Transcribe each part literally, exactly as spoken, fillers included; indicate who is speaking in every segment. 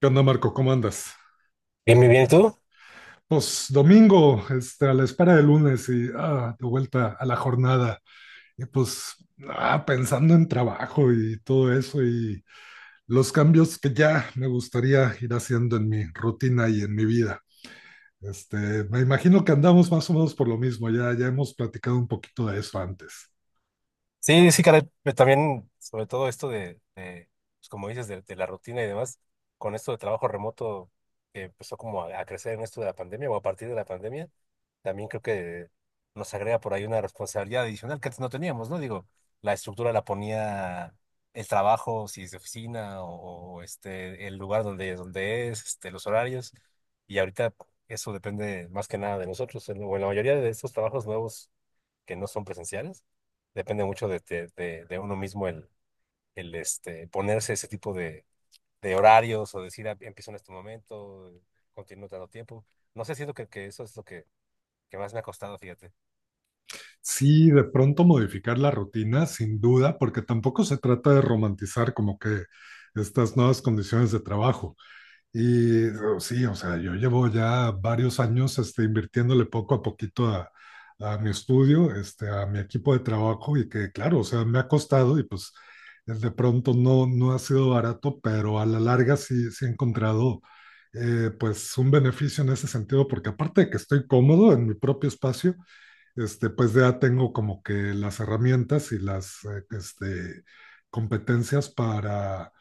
Speaker 1: ¿Qué onda, Marco? ¿Cómo andas?
Speaker 2: Bien, bien, bien. ¿Y tú?
Speaker 1: Pues domingo, este, a la espera del lunes y ah, de vuelta a la jornada. Y pues ah, pensando en trabajo y todo eso y los cambios que ya me gustaría ir haciendo en mi rutina y en mi vida. Este, Me imagino que andamos más o menos por lo mismo, ya, ya hemos platicado un poquito de eso antes.
Speaker 2: Sí, sí, caray. Pero también, sobre todo esto de, de, pues como dices, de, de la rutina y demás, con esto de trabajo remoto que empezó como a, a crecer en esto de la pandemia o a partir de la pandemia, también creo que nos agrega por ahí una responsabilidad adicional que antes no teníamos, ¿no? Digo, la estructura la ponía el trabajo, si es de oficina o, o, este, el lugar donde, donde es, este, los horarios, y ahorita eso depende más que nada de nosotros. En, o en la mayoría de estos trabajos nuevos que no son presenciales. Depende mucho de, de- de- de uno mismo el, el este, ponerse ese tipo de, de horarios o decir, "Ah, empiezo en este momento, continúo tanto tiempo". No sé, siento que, que eso es lo que, que más me ha costado, fíjate.
Speaker 1: Sí, de pronto modificar la rutina, sin duda, porque tampoco se trata de romantizar como que estas nuevas condiciones de trabajo. Y o- sí, o sea, yo llevo ya varios años este, invirtiéndole poco a poquito a, a mi estudio, este, a mi equipo de trabajo y que claro, o sea, me ha costado y pues eh, de pronto no, no ha sido barato, pero a la larga sí, sí he encontrado eh, pues un beneficio en ese sentido, porque aparte de que estoy cómodo en mi propio espacio, este, pues ya tengo como que las herramientas y las eh, este, competencias para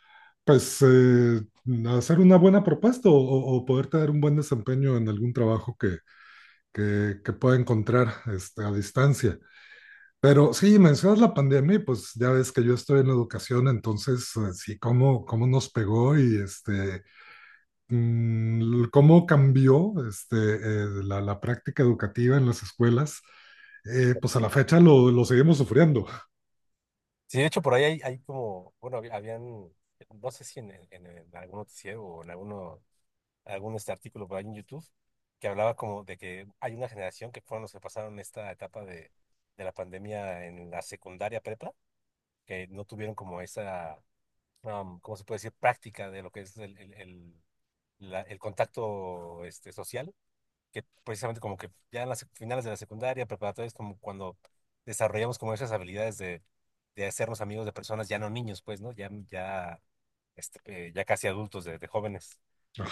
Speaker 1: pues eh, hacer una buena propuesta o, o- o poder tener un buen desempeño en algún trabajo que, que, que pueda encontrar este, a distancia. Pero sí, mencionas la pandemia y pues ya ves que yo estoy en educación, entonces eh, sí, cómo, cómo nos pegó y este, mm, cómo cambió este, eh, la, la práctica educativa en las escuelas, eh, pues a la
Speaker 2: Sí.
Speaker 1: fecha lo, lo seguimos sufriendo.
Speaker 2: Sí, de hecho, por ahí hay, hay como, bueno, hab- habían, no sé si en, el- en- el- en algún noticiero o en alguno, algún este artículo por ahí en YouTube, que hablaba como de que hay una generación que fueron los que pasaron esta etapa de, de la pandemia en la secundaria prepa, que no tuvieron como esa um, ¿cómo se puede decir? Práctica de lo que es el, el- el- la- el contacto este, social, que precisamente como que ya en las sec- finales de la secundaria, preparatoria, es como cuando desarrollamos como esas habilidades de, de hacernos amigos de personas, ya no niños, pues, ¿no? Ya, ya, este, eh, ya casi adultos, de, de jóvenes.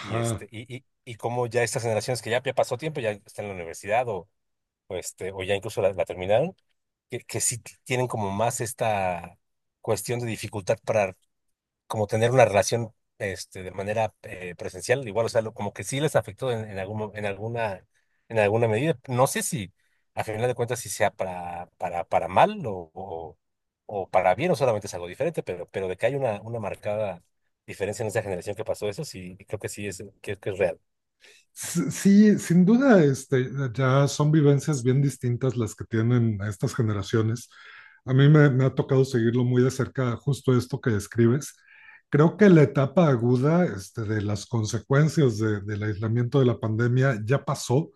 Speaker 2: Y, este, y, y, y como ya estas generaciones que ya, ya pasó tiempo, ya están en la universidad o, o, este, o ya incluso la la terminaron, que, que sí t- tienen como más esta cuestión de dificultad para como tener una relación este, de manera eh, presencial, igual, o sea, lo- como que sí les afectó en, en algún, mo- en alguna, en alguna medida. No sé si, a final de cuentas, si sea para, para, para mal o, o, o para bien, o solamente es algo diferente, pero, pero de que hay una, una marcada diferencia en esa generación que pasó eso, sí, creo que sí es, que, que es real.
Speaker 1: S- Sí, sin duda, este, ya son vivencias bien distintas las que tienen estas generaciones. A mí me, me ha tocado seguirlo muy de cerca, justo esto que describes. Creo que la etapa aguda, este, de las consecuencias de- del aislamiento de la pandemia ya pasó.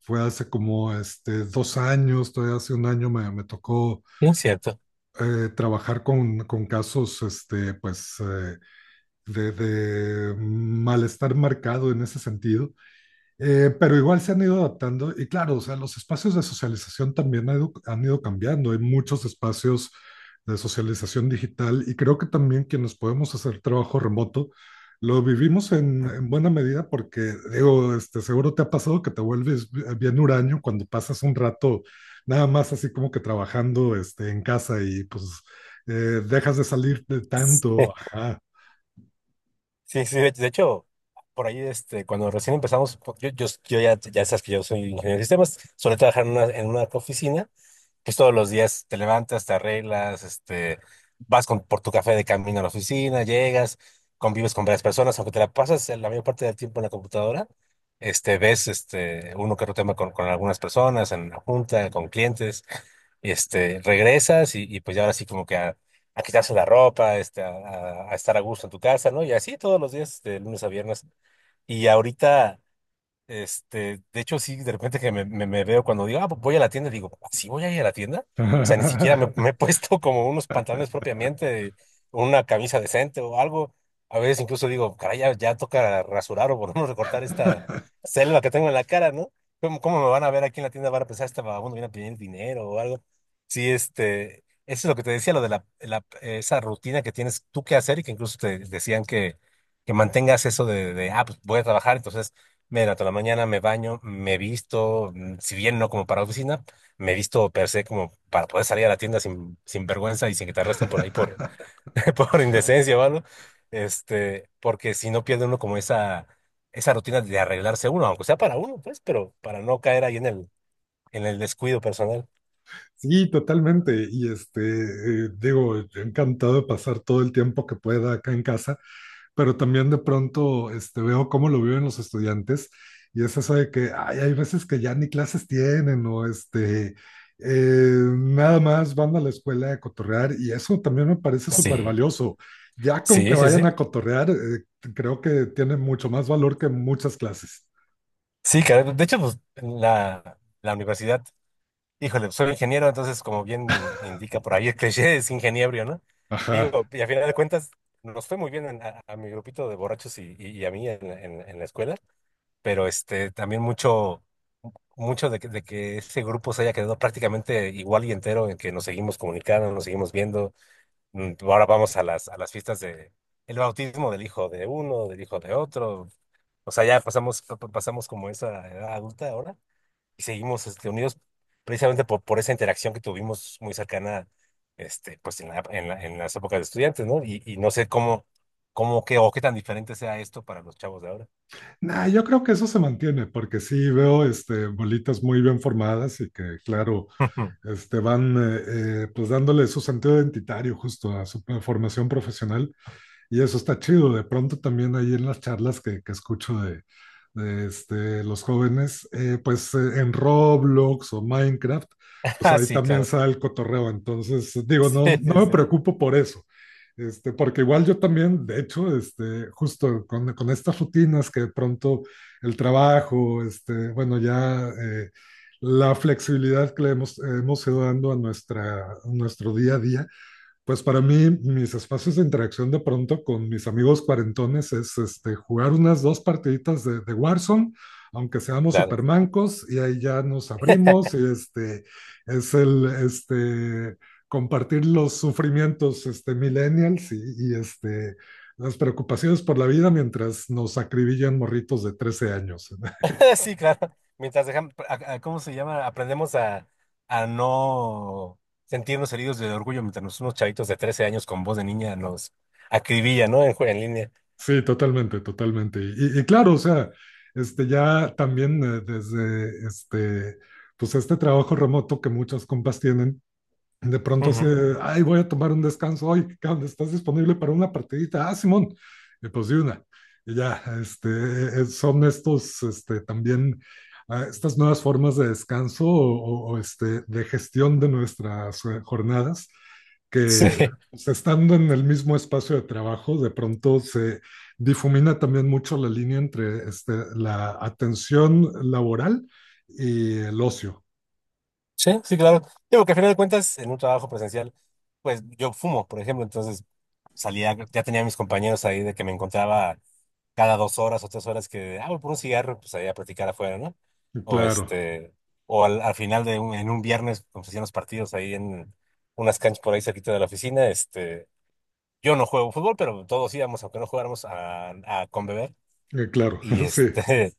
Speaker 1: Fue hace como este, dos años, todavía hace un año me, me tocó
Speaker 2: Sí, cierto.
Speaker 1: eh, trabajar con, con casos este, pues, eh, de de malestar marcado en ese sentido. Eh, pero igual se han ido adaptando y claro, o sea, los espacios de socialización también han ido, han ido cambiando. Hay muchos espacios de socialización digital y creo que también quienes podemos hacer trabajo remoto lo vivimos en, en buena medida porque, digo, este, seguro te ha pasado que te vuelves bi- bien huraño cuando pasas un rato nada más así como que trabajando este, en casa y pues eh, dejas de salir de tanto. Ajá.
Speaker 2: Sí, sí, de, de hecho, por ahí, este, cuando recién empezamos, po- yo, yo, yo ya, ya sabes que yo soy ingeniero de sistemas, solía trabajar en una, en una oficina. Es todos los días, te levantas, te arreglas, este, vas con, por tu café de camino a la oficina, llegas, convives con varias personas, aunque te la pasas la mayor parte del tiempo en la computadora, este, ves este, uno que otro tema con, con algunas personas, en la junta, con clientes, y, este, regresas y, y pues ya ahora sí como que a, a quitarse la ropa, este, a, a- a estar a gusto en tu casa, ¿no? Y así todos los días, este, de lunes a viernes. Y ahorita este, de hecho, sí, de repente que me, me- me veo cuando digo, ah, pues voy a la tienda, digo, ¿sí voy a ir a la tienda? O sea, ni siquiera me, me he puesto como unos pantalones propiamente, una camisa decente o algo. A veces incluso digo, caray, ya, ya toca rasurar o por lo menos recortar esta selva que tengo en la cara, ¿no? ¿Cómo, cómo me van a ver aquí en la tienda? Van a pensar, este vagabundo viene a pedir dinero o algo. Sí, este, eso es lo que te decía, lo de la, la- esa rutina que tienes tú que hacer y que incluso te decían que, que mantengas eso de, de, ah, pues voy a trabajar, entonces, mira, toda la mañana me baño, me visto, mm, si bien no como para oficina, me visto per se como para poder salir a la tienda sin, sin vergüenza y sin que te arresten por ahí por, por indecencia o algo. Este, porque si no pierde uno como esa, esa rutina de arreglarse uno, aunque sea para uno, pues, pero para no caer ahí en el, en el descuido personal.
Speaker 1: Sí, totalmente. Y este, eh, digo, encantado de pasar todo el tiempo que pueda acá en casa, pero también de pronto este, veo cómo lo viven los estudiantes y es eso de que ay, hay veces que ya ni clases tienen o este, eh, nada más van a la escuela a cotorrear y eso también me parece
Speaker 2: Sí,
Speaker 1: súper valioso. Ya con que
Speaker 2: sí, sí,
Speaker 1: vayan
Speaker 2: sí.
Speaker 1: a cotorrear, eh, creo que tiene mucho más valor que muchas clases.
Speaker 2: Sí, caray, de hecho, pues la, la universidad. Híjole, soy ingeniero, entonces como bien indica por ahí el cliché, es ingeniero, ¿no?
Speaker 1: Ajá.
Speaker 2: Digo, y a final de cuentas nos fue muy bien en- a, a mi grupito de borrachos y, y- y a mí en, la en- en la escuela, pero este también mucho, mucho de que, de que ese grupo se haya quedado prácticamente igual y entero, en que nos seguimos comunicando, nos seguimos viendo. Mm, Ahora vamos a las, a las fiestas de el bautismo del hijo de uno, del hijo de otro. O sea, ya pasamos, pasamos como esa edad adulta ahora y seguimos este, unidos precisamente por, por esa interacción que tuvimos muy cercana este, pues en la, en la- en las épocas de estudiantes, ¿no? Y, y no sé cómo, cómo qué, o qué tan diferente sea esto para los chavos de ahora.
Speaker 1: Nah, yo creo que eso se mantiene, porque sí veo este, bolitas muy bien formadas y que, claro, este, van eh, eh, pues dándole su sentido identitario justo a su eh, formación profesional y eso está chido. De pronto también ahí en las charlas que, que escucho de, de, este, los jóvenes, eh, pues eh, en Roblox o Minecraft, pues
Speaker 2: Ah,
Speaker 1: ahí
Speaker 2: sí, claro.
Speaker 1: también sale el cotorreo. Entonces, digo,
Speaker 2: Sí,
Speaker 1: no, no
Speaker 2: sí,
Speaker 1: me
Speaker 2: sí.
Speaker 1: preocupo por eso. Este, porque igual yo también, de hecho, este, justo con, con estas rutinas que de pronto el trabajo, este, bueno, ya eh, la flexibilidad que le hemos, hemos ido dando a, nuestra, a nuestro día a día, pues para mí, mis espacios de interacción de pronto con mis amigos cuarentones es este, jugar unas dos partiditas de, de Warzone, aunque seamos
Speaker 2: Claro.
Speaker 1: supermancos, y ahí ya nos abrimos, y este, es el este, compartir los sufrimientos este, millennials y, y, este, las preocupaciones por la vida mientras nos acribillan morritos de trece años.
Speaker 2: Sí, claro. Mientras dejamos, a- a- ¿cómo se llama? Aprendemos a, a no sentirnos heridos de orgullo mientras nos- unos chavitos de trece años con voz de niña nos acribillan, ¿no? En, jue- en línea.
Speaker 1: Sí, totalmente, totalmente. Y, y claro, o sea, este ya también eh, desde este, pues este trabajo remoto que muchos compas tienen, de pronto
Speaker 2: Ujú.
Speaker 1: se, ay, voy a tomar un descanso hoy, cabrón, ¿estás disponible para una partidita? Ah, Simón, y pues de una. Y ya, este, eh, son estos, este, también, ah, estas nuevas formas de descanso o, o- o, este, de gestión de nuestras eh, jornadas,
Speaker 2: Sí.
Speaker 1: que pues, estando en el mismo espacio de trabajo, de pronto se difumina también mucho la línea entre este, la atención laboral y el ocio.
Speaker 2: Sí, sí, claro. Digo que a final de cuentas, en un trabajo presencial, pues yo fumo, por ejemplo, entonces salía, ya tenía a mis compañeros ahí de que me encontraba cada dos horas o tres horas que, ah, voy por un cigarro, pues ahí a platicar afuera, ¿no? O
Speaker 1: Claro,
Speaker 2: este, o al, al final de un, en un viernes, como se hacían los partidos ahí en unas canchas por ahí cerquita de la oficina, este, yo no juego fútbol, pero todos íbamos, aunque no jugáramos, a, a con beber.
Speaker 1: eh, claro,
Speaker 2: Y
Speaker 1: sí.
Speaker 2: este,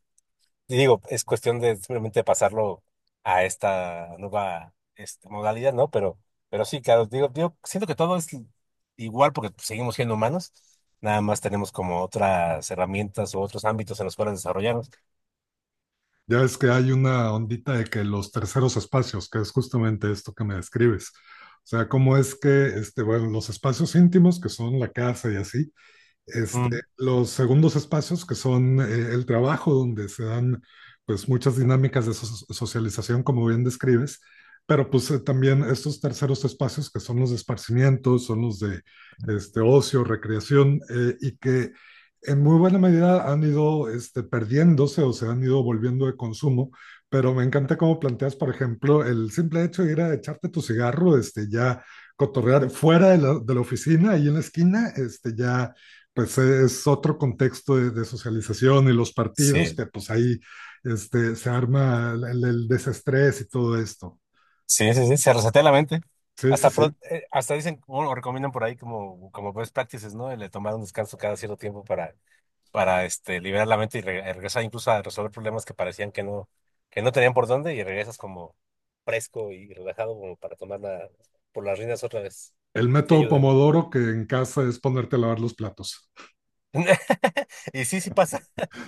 Speaker 2: y digo, es cuestión de simplemente pasarlo a esta nueva este, modalidad, ¿no? Pero, pero sí, claro, digo, digo, siento que todo es igual porque seguimos siendo humanos, nada más tenemos como otras herramientas o otros ámbitos en los cuales desarrollarnos.
Speaker 1: Ya ves que hay una ondita de que los terceros espacios, que es justamente esto que me describes. O sea, cómo es que, este, bueno, los espacios íntimos, que son la casa y así,
Speaker 2: Mm,
Speaker 1: este, los segundos espacios, que son eh, el trabajo, donde se dan pues muchas dinámicas de so- socialización, como bien describes, pero pues eh, también estos terceros espacios, que son los de esparcimiento, son los de este, ocio, recreación, eh, y que en muy buena medida han ido este, perdiéndose o se han ido volviendo de consumo, pero me encanta cómo planteas, por ejemplo, el simple hecho de ir a echarte tu cigarro, este, ya cotorrear fuera de la, de la oficina, ahí en la esquina, este, ya pues e, es otro contexto de, de, socialización y los partidos
Speaker 2: sí,
Speaker 1: que pues ahí este, se arma el, el desestrés y todo esto.
Speaker 2: sí, sí, sí, se resetea la mente.
Speaker 1: Sí, sí,
Speaker 2: Hasta,
Speaker 1: sí.
Speaker 2: pro- eh, hasta dicen, bueno, recomiendan por ahí como, como best practices, ¿no? El de tomar un descanso cada cierto tiempo para para este, liberar la mente y re- regresar incluso a resolver problemas que parecían que no, que no tenían por dónde y regresas como fresco y relajado como para tomar la- por las riendas otra vez.
Speaker 1: El
Speaker 2: Sí
Speaker 1: método
Speaker 2: ayuda.
Speaker 1: Pomodoro que en casa es ponerte a lavar los platos.
Speaker 2: Y sí, sí pasa.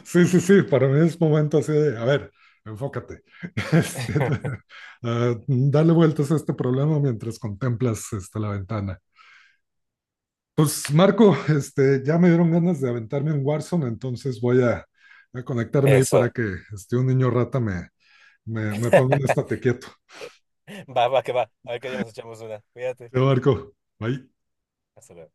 Speaker 1: Sí, sí, sí, para mí es momento así de, a ver, enfócate, este, uh, dale vueltas a este problema mientras contemplas este, la ventana. Pues Marco, este, ya me dieron ganas de aventarme en Warzone, entonces voy a, a conectarme ahí para
Speaker 2: Eso.
Speaker 1: que este, un niño rata me, Me, me pongo en estate quieto.
Speaker 2: Va, va, que va. A ver que ya nos echamos una. Cuídate.
Speaker 1: Te marco. Bye.
Speaker 2: Hasta luego.